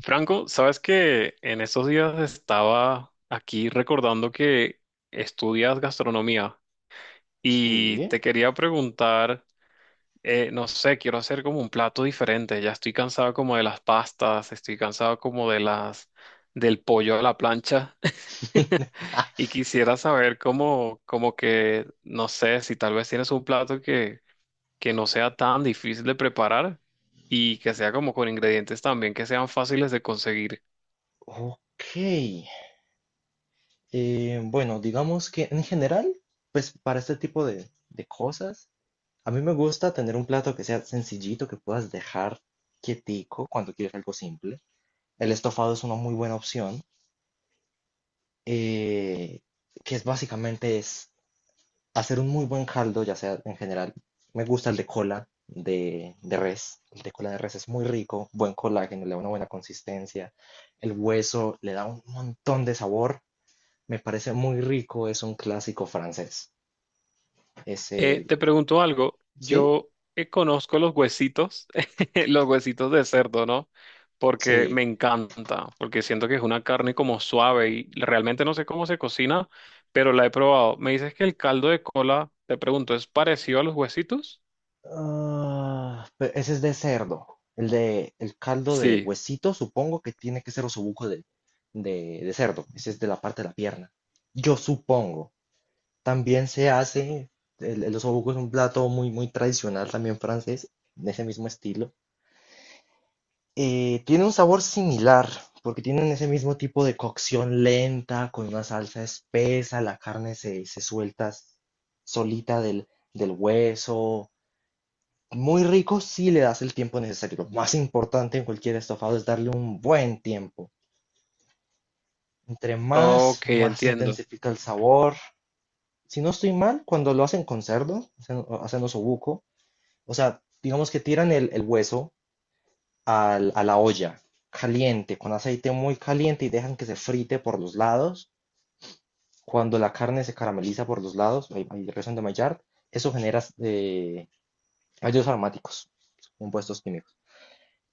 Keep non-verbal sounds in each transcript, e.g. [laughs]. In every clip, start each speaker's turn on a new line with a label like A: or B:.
A: Franco, sabes que en estos días estaba aquí recordando que estudias gastronomía y
B: Sí,
A: te quería preguntar, no sé, quiero hacer como un plato diferente. Ya estoy cansado como de las pastas, estoy cansado como de las del pollo a la plancha [laughs] y quisiera saber cómo, como que, no sé, si tal vez tienes un plato que no sea tan difícil de preparar y que sea como con ingredientes también que sean fáciles de conseguir.
B: ok. Bueno, digamos que en general, para este tipo de cosas, a mí me gusta tener un plato que sea sencillito, que puedas dejar quietico cuando quieres algo simple. El estofado es una muy buena opción, eh, que es básicamente es hacer un muy buen caldo, ya sea en general, me gusta el de cola de res. El de cola de res es muy rico, buen colágeno, le da una buena consistencia. El hueso le da un montón de sabor. Me parece muy rico, es un clásico francés. Es el,
A: Te pregunto algo.
B: ¿sí?
A: Yo conozco los huesitos, [laughs] los huesitos de cerdo, ¿no? Porque
B: Sí.
A: me encanta, porque siento que es una carne como suave y realmente no sé cómo se cocina, pero la he probado. Me dices que el caldo de cola, te pregunto, ¿es parecido a los huesitos?
B: Ah, ese es de cerdo. El de el caldo de
A: Sí.
B: huesito, supongo que tiene que ser osobuco de, de cerdo. Ese es de la parte de la pierna. Yo supongo. También se hace, el osobuco es un plato muy tradicional también francés, de ese mismo estilo. Tiene un sabor similar, porque tienen ese mismo tipo de cocción lenta, con una salsa espesa, la carne se suelta solita del, del hueso. Muy rico si le das el tiempo necesario. Lo más importante en cualquier estofado es darle un buen tiempo. Entre más,
A: Ok,
B: más se
A: entiendo.
B: intensifica el sabor. Si no estoy mal, cuando lo hacen con cerdo, hacen osobuco, o sea, digamos que tiran el hueso a la olla caliente, con aceite muy caliente y dejan que se frite por los lados. Cuando la carne se carameliza por los lados, ahí resuena de Maillard, eso genera ácidos aromáticos, compuestos químicos.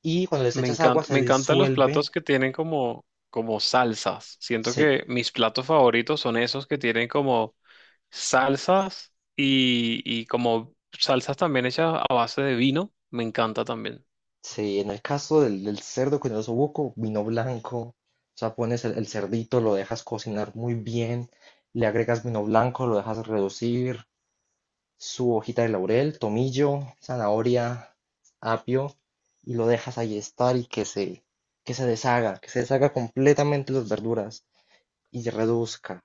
B: Y cuando les
A: Me
B: echas agua
A: encanta, me
B: se
A: encantan los
B: disuelven.
A: platos que tienen como salsas. Siento
B: Sí,
A: que mis platos favoritos son esos que tienen como salsas y como salsas también hechas a base de vino, me encanta también.
B: sí, en el caso del, del cerdo con el osobuco vino blanco. O sea, pones el cerdito, lo dejas cocinar muy bien, le agregas vino blanco, lo dejas reducir, su hojita de laurel, tomillo, zanahoria, apio, y lo dejas ahí estar y que se deshaga completamente las verduras y reduzca.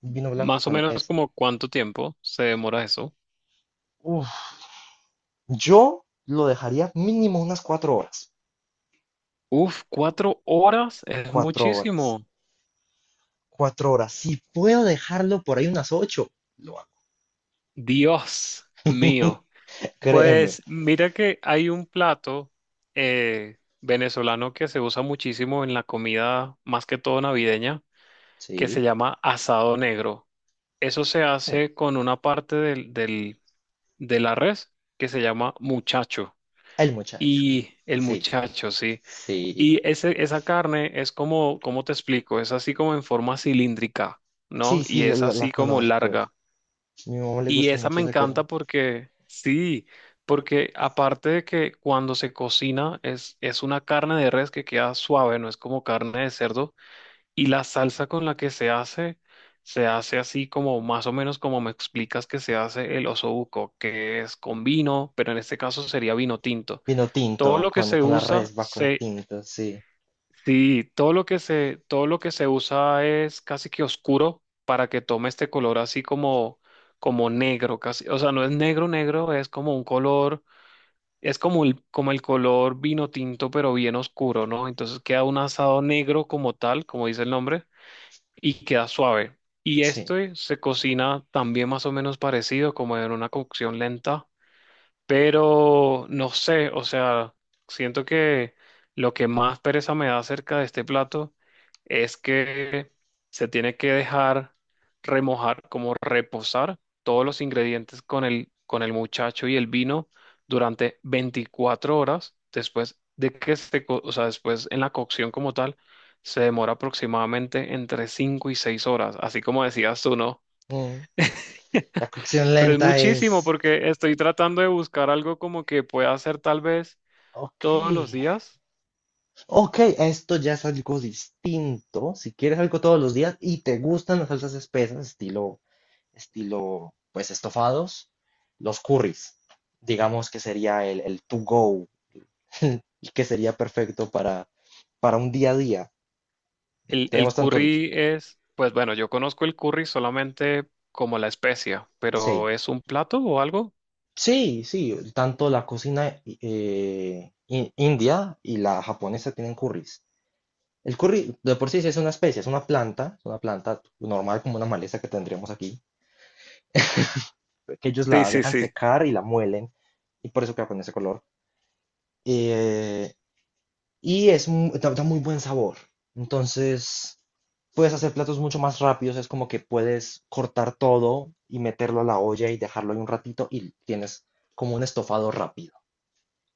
B: Vino blanco
A: Más o
B: con
A: menos
B: eso.
A: como cuánto tiempo se demora eso.
B: Uf, yo lo dejaría mínimo unas cuatro horas.
A: Uf, 4 horas es
B: Cuatro horas.
A: muchísimo.
B: Cuatro horas. Si puedo dejarlo por ahí unas ocho, lo hago.
A: Dios mío.
B: Créeme.
A: Pues mira que hay un plato venezolano que se usa muchísimo en la comida, más que todo navideña, que se
B: Sí.
A: llama asado negro. Eso se hace con una parte de la res que se llama muchacho.
B: El muchacho.
A: Y el
B: Sí,
A: muchacho, sí.
B: sí.
A: Y esa carne es como, ¿cómo te explico? Es así como en forma cilíndrica, ¿no?
B: Sí,
A: Y
B: sí,
A: es
B: la
A: así como
B: conozco.
A: larga.
B: A mi mamá le
A: Y
B: gusta
A: esa
B: mucho
A: me
B: esa
A: encanta
B: carne.
A: porque, sí, porque aparte de que cuando se cocina es una carne de res que queda suave, no es como carne de cerdo. Y la salsa con la que se hace así como más o menos como me explicas que se hace el osobuco, que es con vino, pero en este caso sería vino tinto
B: Vino
A: todo
B: tinto
A: lo que se
B: con la
A: usa,
B: resba con tinto, sí,
A: sí, todo lo que se usa es casi que oscuro para que tome este color así como negro, casi. O sea, no es negro negro, es como un color, es como el color vino tinto, pero bien oscuro, ¿no? Entonces queda un asado negro como tal, como dice el nombre, y queda suave. Y
B: sí.
A: esto se cocina también más o menos parecido, como en una cocción lenta, pero no sé, o sea, siento que lo que más pereza me da acerca de este plato es que se tiene que dejar remojar, como reposar todos los ingredientes con el muchacho y el vino durante 24 horas después de que o sea, después en la cocción como tal, se demora aproximadamente entre 5 y 6 horas, así como decías tú, ¿no?
B: Mm. La cocción
A: Pero es
B: lenta
A: muchísimo
B: es...
A: porque estoy tratando de buscar algo como que pueda hacer tal vez
B: Ok,
A: todos los días.
B: ok, esto ya es algo distinto. Si quieres algo todos los días y te gustan las salsas espesas, estilo, pues estofados, los curries, digamos que sería el to go, [laughs] y que sería perfecto para un día a día.
A: El
B: Tenemos tantos,
A: curry es, pues bueno, yo conozco el curry solamente como la especia,
B: sí,
A: pero ¿es un plato o algo?
B: Sí, sí, tanto la cocina india y la japonesa tienen curries. El curry de por sí sí es una especie, es una planta normal como una maleza que tendríamos aquí, que ellos
A: Sí,
B: la
A: sí,
B: dejan
A: sí.
B: secar y la muelen, y por eso queda con ese color. Eh, da muy buen sabor. Entonces, puedes hacer platos mucho más rápidos, es como que puedes cortar todo y meterlo a la olla y dejarlo ahí un ratito y tienes como un estofado rápido.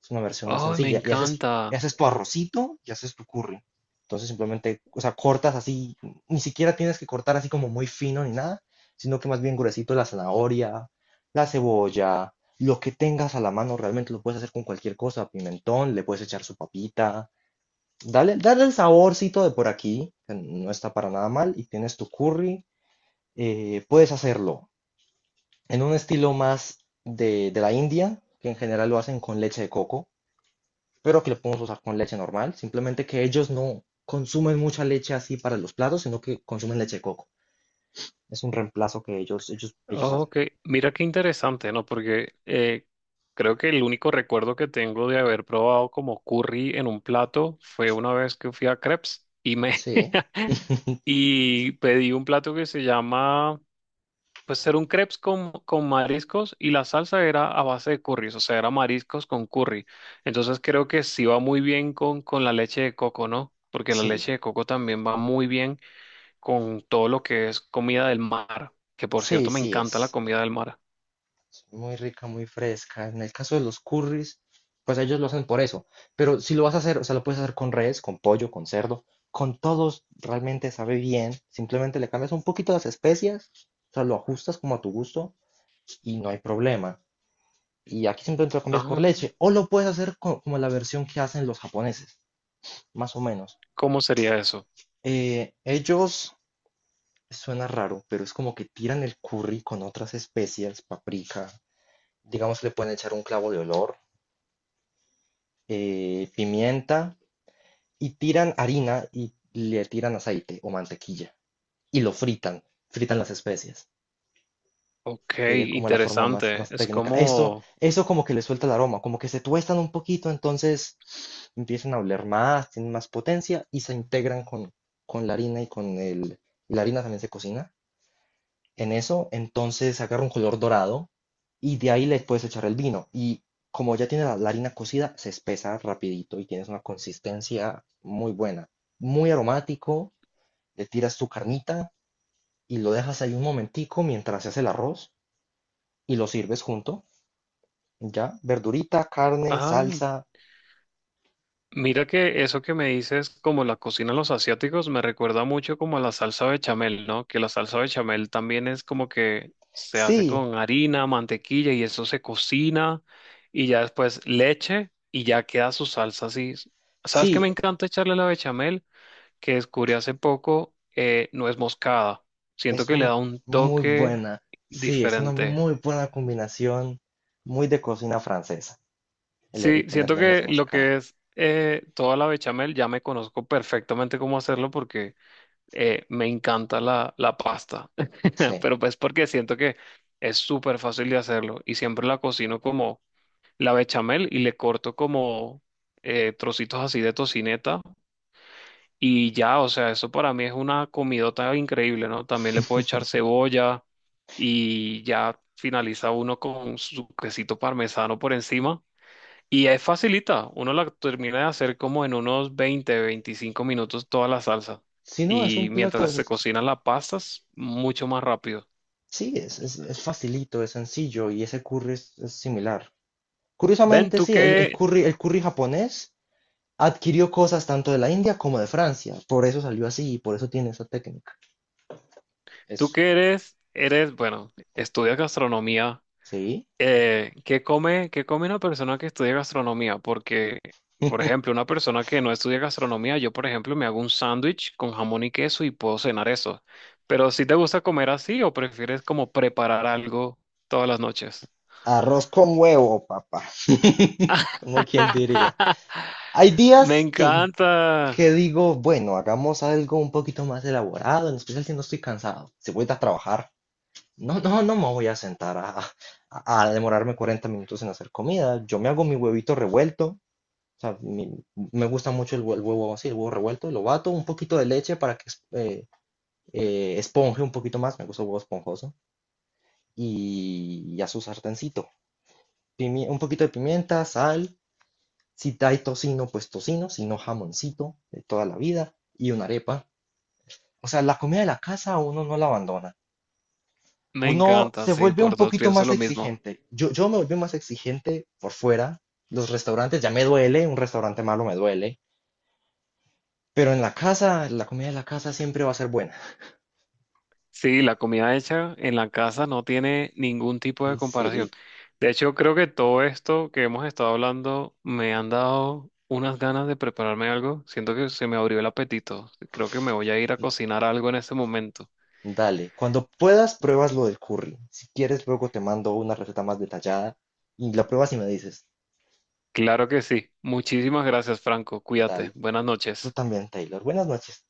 B: Es una versión más
A: Oh, me
B: sencilla. Y
A: encanta.
B: haces tu arrocito y haces tu curry. Entonces simplemente, o sea, cortas así, ni siquiera tienes que cortar así como muy fino ni nada, sino que más bien gruesito la zanahoria, la cebolla, lo que tengas a la mano, realmente lo puedes hacer con cualquier cosa, pimentón, le puedes echar su papita, dale el saborcito de por aquí, que no está para nada mal, y tienes tu curry, puedes hacerlo en un estilo más de la India, que en general lo hacen con leche de coco, pero que lo podemos usar con leche normal. Simplemente que ellos no consumen mucha leche así para los platos, sino que consumen leche de coco. Es un reemplazo que ellos
A: Oh,
B: hacen.
A: ok, mira qué interesante, ¿no? Porque creo que el único recuerdo que tengo de haber probado como curry en un plato fue una vez que fui a Crepes y me
B: Sí,
A: [laughs] y pedí un plato que se llama. Pues era un crepes con mariscos y la salsa era a base de curry, o sea, era mariscos con curry. Entonces creo que sí va muy bien con la leche de coco, ¿no? Porque la
B: sí,
A: leche de coco también va muy bien con todo lo que es comida del mar, que por
B: sí,
A: cierto me
B: sí,
A: encanta la comida del mar.
B: es muy rica, muy fresca. En el caso de los curries, pues ellos lo hacen por eso. Pero si lo vas a hacer, o sea, lo puedes hacer con res, con pollo, con cerdo, con todos, realmente sabe bien. Simplemente le cambias un poquito las especias, o sea, lo ajustas como a tu gusto y no hay problema. Y aquí simplemente lo cambias por
A: Ajá,
B: leche. O lo puedes hacer como la versión que hacen los japoneses, más o menos.
A: ¿cómo sería eso?
B: Ellos, suena raro, pero es como que tiran el curry con otras especias, paprika, digamos le pueden echar un clavo de olor, pimienta, y tiran harina y le tiran aceite o mantequilla y lo fritan, fritan las especias.
A: Ok,
B: Sería como la forma más,
A: interesante.
B: más técnica. Eso, eso como que le suelta el aroma, como que se tuestan un poquito, entonces empiezan a oler más, tienen más potencia y se integran con la harina y con el... y la harina también se cocina. En eso, entonces agarra un color dorado y de ahí le puedes echar el vino. Y como ya tiene la, la harina cocida, se espesa rapidito y tienes una consistencia muy buena. Muy aromático, le tiras tu carnita y lo dejas ahí un momentico mientras se hace el arroz y lo sirves junto. Ya, verdurita, carne,
A: Ah,
B: salsa.
A: mira que eso que me dices, como la cocina de los asiáticos, me recuerda mucho como a la salsa bechamel, ¿no? Que la salsa bechamel también es como que se hace
B: Sí,
A: con harina, mantequilla, y eso se cocina y ya después leche y ya queda su salsa así. ¿Sabes qué me
B: sí,
A: encanta echarle a la bechamel? Que descubrí hace poco, nuez moscada. Siento
B: es
A: que le
B: un
A: da un
B: muy
A: toque
B: buena, sí, es una
A: diferente.
B: muy buena combinación, muy de cocina francesa, el
A: Sí, siento
B: ponerle nuez
A: que lo
B: moscada.
A: que es toda la bechamel ya me conozco perfectamente cómo hacerlo porque me encanta la pasta, [laughs]
B: Sí.
A: pero pues porque siento que es súper fácil de hacerlo y siempre la cocino como la bechamel y le corto como trocitos así de tocineta y ya, o sea, eso para mí es una comidota increíble, ¿no? También le puedo echar cebolla y ya finaliza uno con su quesito parmesano por encima. Y es facilita, uno la termina de hacer como en unos 20-25 minutos toda la salsa.
B: Si no, es
A: Y
B: un plato, de
A: mientras se
B: esos-
A: cocinan las pastas, mucho más rápido.
B: sí, es facilito, es sencillo y ese curry es similar.
A: Ben,
B: Curiosamente, sí, el curry japonés adquirió cosas tanto de la India como de Francia, por eso salió así y por eso tiene esa técnica.
A: tú
B: Es,
A: que eres, bueno, estudias gastronomía.
B: sí.
A: Qué come una persona que estudia gastronomía? Porque, por ejemplo, una persona que no estudia gastronomía, yo, por ejemplo, me hago un sándwich con jamón y queso y puedo cenar eso. ¿Pero si te gusta comer así o prefieres como preparar algo todas las noches?
B: Arroz con huevo, papá. Como quien diría.
A: [laughs]
B: Hay
A: Me
B: días
A: encanta,
B: que digo, bueno, hagamos algo un poquito más elaborado, en especial si no estoy cansado. Si voy a trabajar, no me voy a sentar a demorarme 40 minutos en hacer comida. Yo me hago mi huevito revuelto. O sea, me gusta mucho el huevo así, el huevo revuelto. Lo bato, un poquito de leche para que esponje un poquito más. Me gusta el huevo esponjoso. Y a su sartencito. Un poquito de pimienta, sal. Si hay tocino, pues tocino, si no jamoncito de toda la vida y una arepa. O sea, la comida de la casa uno no la abandona.
A: me
B: Uno
A: encanta,
B: se
A: sí,
B: vuelve un
A: por dos
B: poquito
A: pienso
B: más
A: lo mismo.
B: exigente. Yo me volví más exigente por fuera. Los restaurantes ya me duele, un restaurante malo me duele. Pero en la casa, la comida de la casa siempre va a ser buena.
A: Sí, la comida hecha en la casa no tiene ningún tipo de comparación.
B: Sí,
A: De hecho, creo que todo esto que hemos estado hablando me han dado unas ganas de prepararme algo. Siento que se me abrió el apetito. Creo que me voy a ir a cocinar algo en este momento.
B: dale. Cuando puedas, pruebas lo del curry. Si quieres, luego te mando una receta más detallada y la pruebas y me dices.
A: Claro que sí. Muchísimas gracias, Franco. Cuídate.
B: Dale.
A: Buenas
B: Tú
A: noches.
B: también, Taylor. Buenas noches.